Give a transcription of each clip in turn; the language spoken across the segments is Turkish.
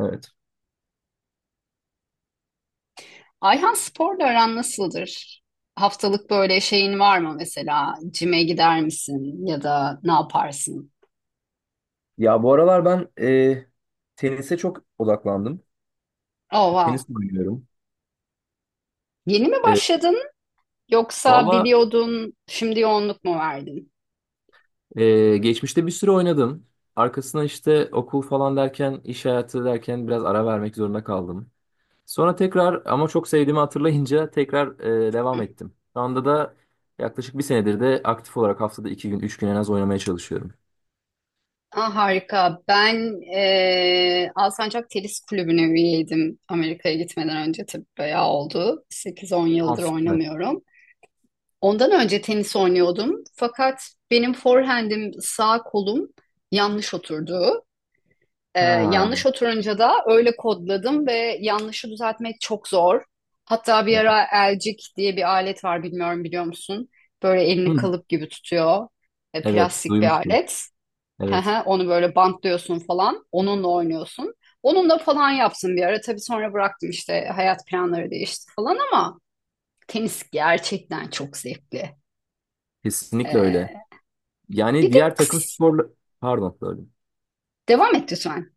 Evet. Ayhan, sporla aran nasıldır? Haftalık böyle şeyin var mı mesela? Cime gider misin ya da ne yaparsın? Ya bu aralar ben tenise çok odaklandım. Oh Tenis wow. oynuyorum. Yeni mi E, başladın yoksa valla biliyordun şimdi yoğunluk mu verdin? e, geçmişte bir süre oynadım. Arkasına işte okul falan derken, iş hayatı derken biraz ara vermek zorunda kaldım. Sonra tekrar ama çok sevdiğimi hatırlayınca tekrar devam ettim. Şu anda da yaklaşık bir senedir de aktif olarak haftada 2 gün, 3 gün en az oynamaya çalışıyorum. Ah, harika. Ben Alsancak Tenis Kulübü'ne üyeydim Amerika'ya gitmeden önce. Tabii bayağı oldu, 8-10 Aa, yıldır süper. oynamıyorum. Ondan önce tenis oynuyordum. Fakat benim forehand'im, sağ kolum yanlış oturdu. Ee, Ha. Yanlış oturunca da öyle kodladım ve yanlışı düzeltmek çok zor. Hatta bir ara elcik diye bir alet var, bilmiyorum biliyor musun? Böyle elini Hı, kalıp gibi tutuyor. Evet, Plastik bir duymuştum. alet. Evet, Hehe, onu böyle bantlıyorsun falan. Onunla oynuyorsun. Onunla falan yapsın bir ara. Tabii sonra bıraktım, işte hayat planları değişti falan, ama tenis gerçekten çok zevkli. kesinlikle öyle. Ee, Yani Bir de diğer takım kız. sporla... Pardon, böyle. Devam et lütfen.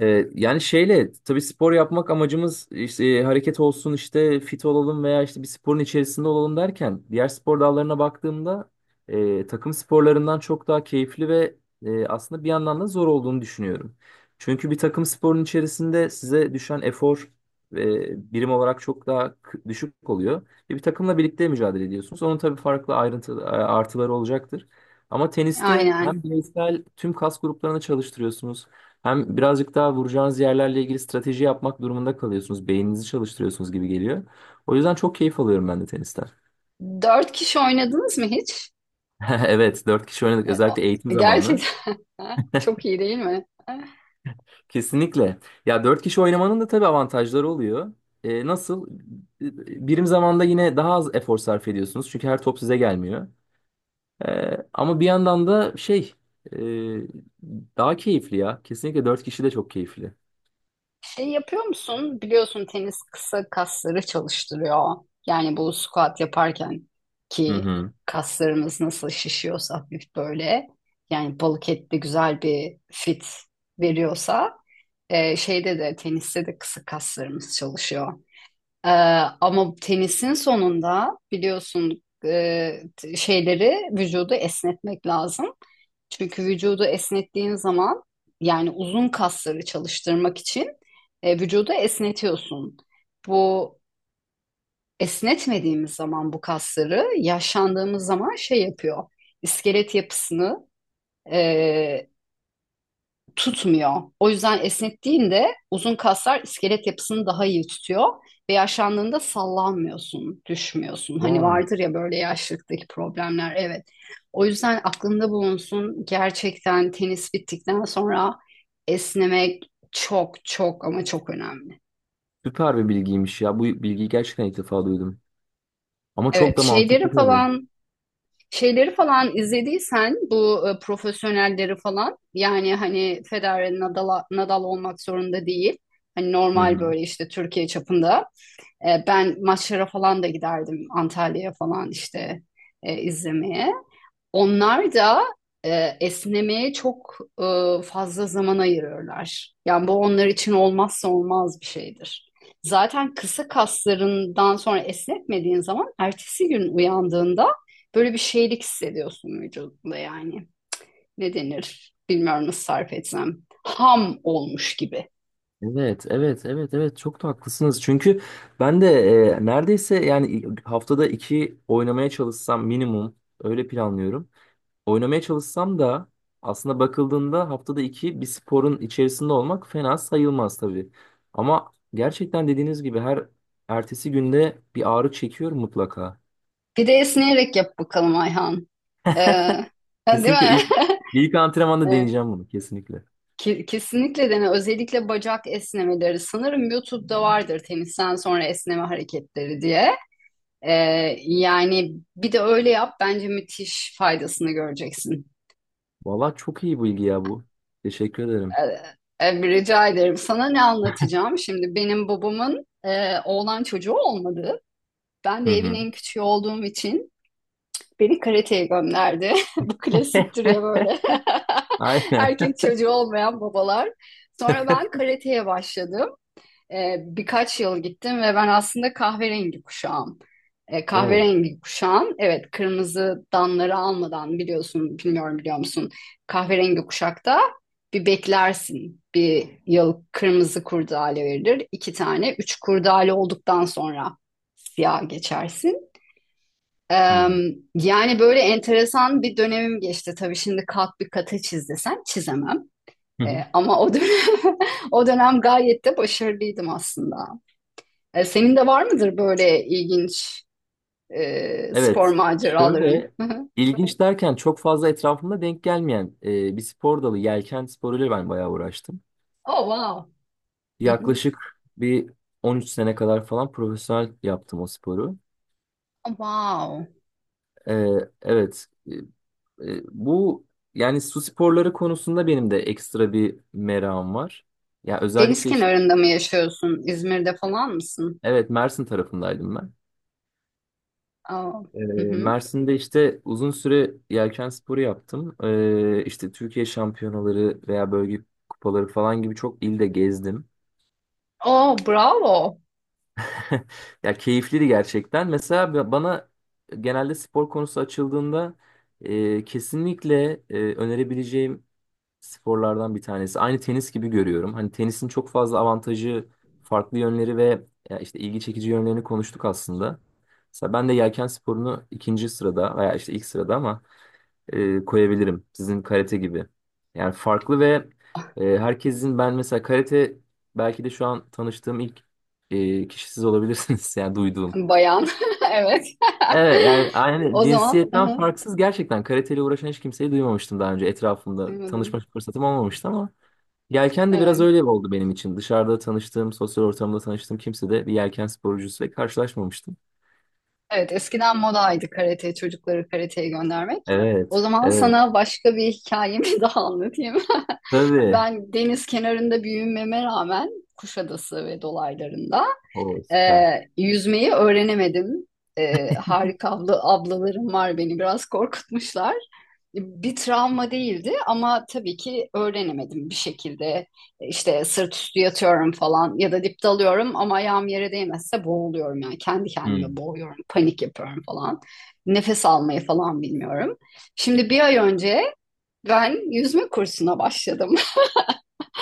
Yani şeyle tabii spor yapmak amacımız işte, hareket olsun işte fit olalım veya işte bir sporun içerisinde olalım derken diğer spor dallarına baktığımda, takım sporlarından çok daha keyifli ve aslında bir yandan da zor olduğunu düşünüyorum. Çünkü bir takım sporun içerisinde size düşen efor birim olarak çok daha düşük oluyor. Ve bir takımla birlikte mücadele ediyorsunuz. Onun tabii farklı ayrıntı artıları olacaktır. Ama teniste hem Aynen. bireysel tüm kas gruplarını çalıştırıyorsunuz. Hem birazcık daha vuracağınız yerlerle ilgili strateji yapmak durumunda kalıyorsunuz. Beyninizi çalıştırıyorsunuz gibi geliyor. O yüzden çok keyif alıyorum ben de tenisten. Dört kişi oynadınız mı hiç? Evet, dört kişi oynadık. E, Özellikle o- eğitim zamanı. Gerçekten çok iyi değil mi? Kesinlikle. Ya dört kişi oynamanın da tabii avantajları oluyor. Nasıl? Birim zamanda yine daha az efor sarf ediyorsunuz. Çünkü her top size gelmiyor. Ama bir yandan da şey e, daha keyifli ya. Kesinlikle dört kişi de çok keyifli. Şey yapıyor musun? Biliyorsun, tenis kısa kasları çalıştırıyor. Yani bu squat yaparken Hı ki hı. kaslarımız nasıl şişiyorsa, hafif böyle. Yani balık etli güzel bir fit veriyorsa, şeyde de, teniste de kısa kaslarımız çalışıyor. E, Ama tenisin sonunda biliyorsun, şeyleri, vücudu esnetmek lazım. Çünkü vücudu esnettiğin zaman, yani uzun kasları çalıştırmak için vücudu esnetiyorsun. Bu esnetmediğimiz zaman bu kasları, yaşlandığımız zaman şey yapıyor. İskelet yapısını e, tutmuyor. O yüzden esnettiğinde uzun kaslar iskelet yapısını daha iyi tutuyor ve yaşlandığında sallanmıyorsun, düşmüyorsun. Hani Vay. vardır ya böyle yaşlılıktaki problemler. Evet. O yüzden aklında bulunsun. Gerçekten tenis bittikten sonra esnemek çok çok ama çok önemli. Süper bir bilgiymiş ya. Bu bilgiyi gerçekten ilk defa duydum. Ama çok Evet, da mantıklı şeyleri tabii. falan. Şeyleri falan izlediysen bu profesyonelleri falan, yani hani Federer, Nadal. Nadal olmak zorunda değil. Hani Hı normal, hı. böyle işte Türkiye çapında. Ben maçlara falan da giderdim, Antalya'ya falan işte izlemeye. Onlar da esnemeye çok e, fazla zaman ayırıyorlar. Yani bu onlar için olmazsa olmaz bir şeydir. Zaten kısa kaslarından sonra esnetmediğin zaman ertesi gün uyandığında böyle bir şeylik hissediyorsun vücudunda yani. Ne denir? Bilmiyorum nasıl tarif etsem. Ham olmuş gibi. Evet, evet, evet, evet çok da haklısınız. Çünkü ben de neredeyse yani haftada iki oynamaya çalışsam minimum öyle planlıyorum. Oynamaya çalışsam da aslında bakıldığında haftada iki bir sporun içerisinde olmak fena sayılmaz tabii. Ama gerçekten dediğiniz gibi her ertesi günde bir ağrı çekiyorum mutlaka. Bir de esneyerek yap bakalım Ayhan. Ee, Değil Kesinlikle mi? ilk ilk antrenmanda Evet, deneyeceğim bunu kesinlikle. Kesinlikle dene. Özellikle bacak esnemeleri. Sanırım YouTube'da vardır tenisten sonra esneme hareketleri diye. Ee, Yani bir de öyle yap. Bence müthiş faydasını göreceksin. Valla çok iyi bilgi ya bu. Teşekkür ederim. Rica ederim. Sana ne anlatacağım? Şimdi benim babamın oğlan çocuğu olmadı. Ben Hı de evin hı. en küçüğü olduğum için beni karateye gönderdi. Bu klasiktir ya böyle. Aynen. Erkek çocuğu olmayan babalar. Sonra ben karateye başladım. Birkaç yıl gittim ve ben aslında kahverengi kuşağım. E, Oo. kahverengi kuşağım, evet, kırmızı danları almadan, biliyorsun, bilmiyorum, biliyor musun? Kahverengi kuşakta bir beklersin. Bir yıl kırmızı kurdale verilir. İki tane, üç kurdale olduktan sonra siyah geçersin. E, Hmm. yani böyle enteresan bir dönemim geçti. Tabii şimdi kalk bir kata çiz desem çizemem. Hı hı. Ama o dönem, o dönem gayet de başarılıydım aslında. Senin de var mıdır böyle ilginç spor Evet. maceraların? Şöyle ilginç derken çok fazla etrafımda denk gelmeyen bir spor dalı yelken sporuyla ben bayağı uğraştım. Oh wow. Oh, Yaklaşık bir 13 sene kadar falan profesyonel yaptım o sporu. wow. E, evet. Bu yani su sporları konusunda benim de ekstra bir merakım var. Ya Deniz özellikle işte kenarında mı yaşıyorsun? İzmir'de falan mısın? evet Mersin tarafındaydım ben. Oh, Ee, hı hı. Mersin'de işte uzun süre yelken sporu yaptım. İşte Türkiye şampiyonaları veya bölge kupaları falan gibi çok ilde gezdim. Oh bravo. Ya keyifliydi gerçekten. Mesela bana genelde spor konusu açıldığında kesinlikle önerebileceğim sporlardan bir tanesi. Aynı tenis gibi görüyorum. Hani tenisin çok fazla avantajı, farklı yönleri ve ya işte ilgi çekici yönlerini konuştuk aslında. Mesela ben de yelken sporunu ikinci sırada veya işte ilk sırada ama koyabilirim. Sizin karate gibi. Yani farklı ve herkesin ben mesela karate belki de şu an tanıştığım ilk kişi siz olabilirsiniz yani duyduğum. Bayan. Evet. Evet yani aynı O zaman hı cinsiyetten hı, farksız gerçekten karateyle uğraşan hiç kimseyi duymamıştım daha önce etrafımda. duymadım. Tanışma fırsatım olmamıştı ama yelken de biraz Evet. öyle oldu benim için. Dışarıda tanıştığım, sosyal ortamda tanıştığım kimse de bir yelken sporcusuyla karşılaşmamıştım. Evet, eskiden modaydı karate, çocukları karateye göndermek. O Evet, zaman evet. sana başka bir hikayemi daha anlatayım. Tabii. Ben deniz kenarında büyümeme rağmen, Kuşadası ve dolaylarında, O e, süper. yüzmeyi öğrenemedim. E, harika abla, ablalarım var, beni biraz korkutmuşlar. Bir travma değildi ama tabii ki öğrenemedim bir şekilde. E, İşte sırt üstü yatıyorum falan, ya da dip dalıyorum, ama ayağım yere değmezse boğuluyorum, yani kendi kendime Hmm. boğuyorum, panik yapıyorum falan. Nefes almayı falan bilmiyorum. Şimdi bir ay önce ben yüzme kursuna başladım.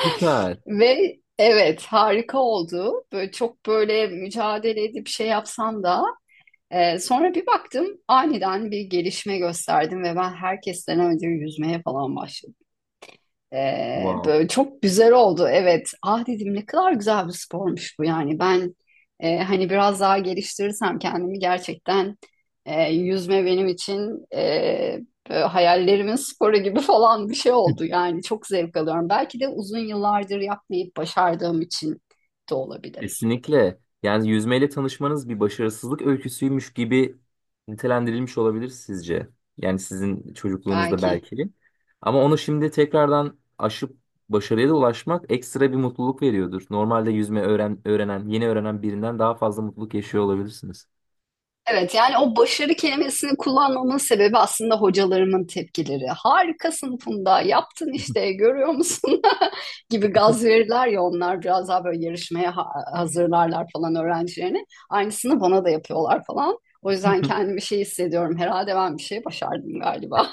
Süper. Ve evet, harika oldu. Böyle çok, böyle mücadele edip şey yapsam da sonra bir baktım aniden bir gelişme gösterdim ve ben herkesten önce yüzmeye falan başladım. Wow. Böyle çok güzel oldu. Evet. Ah dedim, ne kadar güzel bir spormuş bu yani. Ben hani biraz daha geliştirirsem kendimi, gerçekten yüzme benim için böyle hayallerimin sporu gibi falan bir şey oldu. Yani çok zevk alıyorum. Belki de uzun yıllardır yapmayıp başardığım için de olabilir. Kesinlikle. Yani yüzmeyle tanışmanız bir başarısızlık öyküsüymüş gibi nitelendirilmiş olabilir sizce. Yani sizin çocukluğunuzda Belki. belki. Ama onu şimdi tekrardan aşıp başarıya da ulaşmak ekstra bir mutluluk veriyordur. Normalde yüzme öğrenen, yeni öğrenen birinden daha fazla mutluluk yaşıyor olabilirsiniz. Evet, yani o başarı kelimesini kullanmamın sebebi aslında hocalarımın tepkileri. Harikasın Funda, yaptın işte, görüyor musun gibi gaz verirler ya, onlar biraz daha böyle yarışmaya hazırlarlar falan öğrencilerini. Aynısını bana da yapıyorlar falan. O yüzden kendimi şey hissediyorum, herhalde ben bir şey başardım galiba.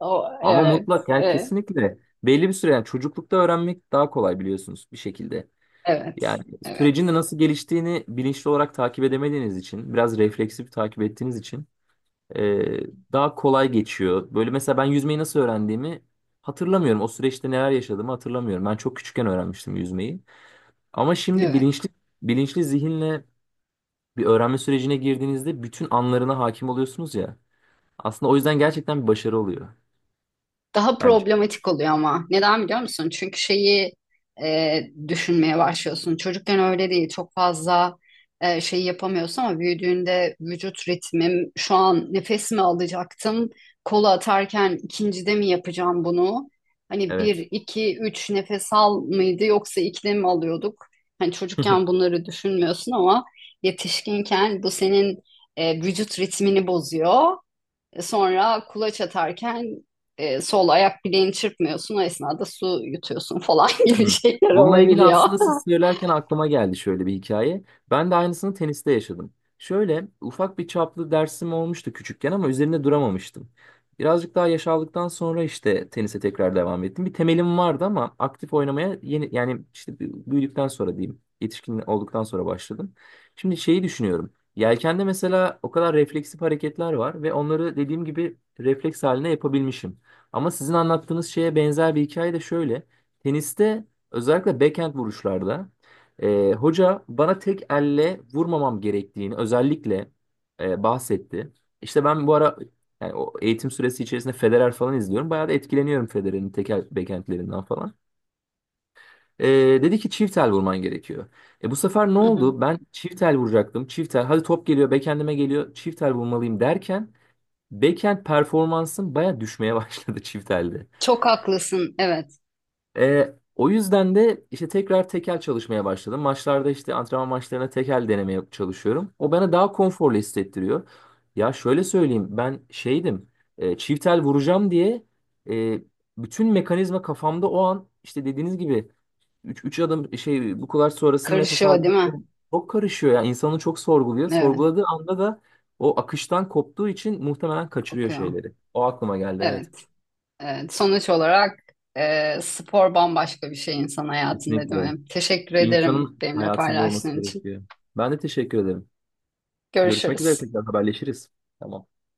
O, Ama evet, mutlak yani e, kesinlikle belli bir süre yani çocuklukta öğrenmek daha kolay biliyorsunuz bir şekilde. evet, Yani sürecin de evet, nasıl geliştiğini bilinçli olarak takip edemediğiniz için, biraz refleksif takip ettiğiniz için e, daha kolay geçiyor. Böyle mesela ben yüzmeyi nasıl öğrendiğimi hatırlamıyorum. O süreçte neler yaşadığımı hatırlamıyorum. Ben çok küçükken öğrenmiştim yüzmeyi. Ama şimdi evet. bilinçli zihinle bir öğrenme sürecine girdiğinizde bütün anlarına hakim oluyorsunuz ya. Aslında o yüzden gerçekten bir başarı oluyor Daha bence. problematik oluyor ama. Neden biliyor musun? Çünkü şeyi e, düşünmeye başlıyorsun. Çocukken öyle değil. Çok fazla şey yapamıyorsun, ama büyüdüğünde vücut ritmim, şu an nefes mi alacaktım? Kolu atarken ikincide mi yapacağım bunu? Hani Evet. bir, iki, üç nefes al mıydı, yoksa ikide mi alıyorduk? Hani çocukken bunları düşünmüyorsun ama yetişkinken bu senin vücut ritmini bozuyor. Sonra kulaç atarken sol ayak bileğini çırpmıyorsun. O esnada su yutuyorsun falan Hı. gibi şeyler Bununla ilgili olabiliyor. aslında siz söylerken aklıma geldi şöyle bir hikaye. Ben de aynısını teniste yaşadım. Şöyle ufak bir çaplı dersim olmuştu küçükken ama üzerinde duramamıştım. Birazcık daha yaş aldıktan sonra işte tenise tekrar devam ettim. Bir temelim vardı ama aktif oynamaya yeni yani işte büyüdükten sonra diyeyim, yetişkin olduktan sonra başladım. Şimdi şeyi düşünüyorum. Yelkende mesela o kadar refleksif hareketler var ve onları dediğim gibi refleks haline yapabilmişim. Ama sizin anlattığınız şeye benzer bir hikaye de şöyle. Teniste özellikle backhand vuruşlarda hoca bana tek elle vurmamam gerektiğini özellikle bahsetti. İşte ben bu ara yani o eğitim süresi içerisinde Federer falan izliyorum. Bayağı da etkileniyorum Federer'in tek el backhandlerinden falan. E, dedi ki çift el vurman gerekiyor. Bu sefer ne Hı hı. oldu? Ben çift el vuracaktım. Çift el hadi top geliyor backhandime geliyor. Çift el vurmalıyım derken backhand performansım bayağı düşmeye başladı çift elde. Çok haklısın. Evet. O yüzden de işte tekrar tekel çalışmaya başladım. Maçlarda işte antrenman maçlarına tekel denemeye çalışıyorum. O bana daha konforlu hissettiriyor. Ya şöyle söyleyeyim ben şeydim, çiftel vuracağım diye e, bütün mekanizma kafamda o an işte dediğiniz gibi 3 adım şey bu kadar sonrası mı nefes Karışıyor değil almak mi? mı? Çok karışıyor ya insanı çok sorguluyor. Evet. Sorguladığı anda da o akıştan koptuğu için muhtemelen kaçırıyor Kopuyor. şeyleri. O aklıma geldi evet. Evet. Evet. Sonuç olarak spor bambaşka bir şey insan hayatında, değil Kesinlikle. mi? Teşekkür ederim İnsanın benimle hayatında olması paylaştığın için. gerekiyor. Ben de teşekkür ederim. Görüşmek üzere Görüşürüz. tekrar haberleşiriz. Tamam.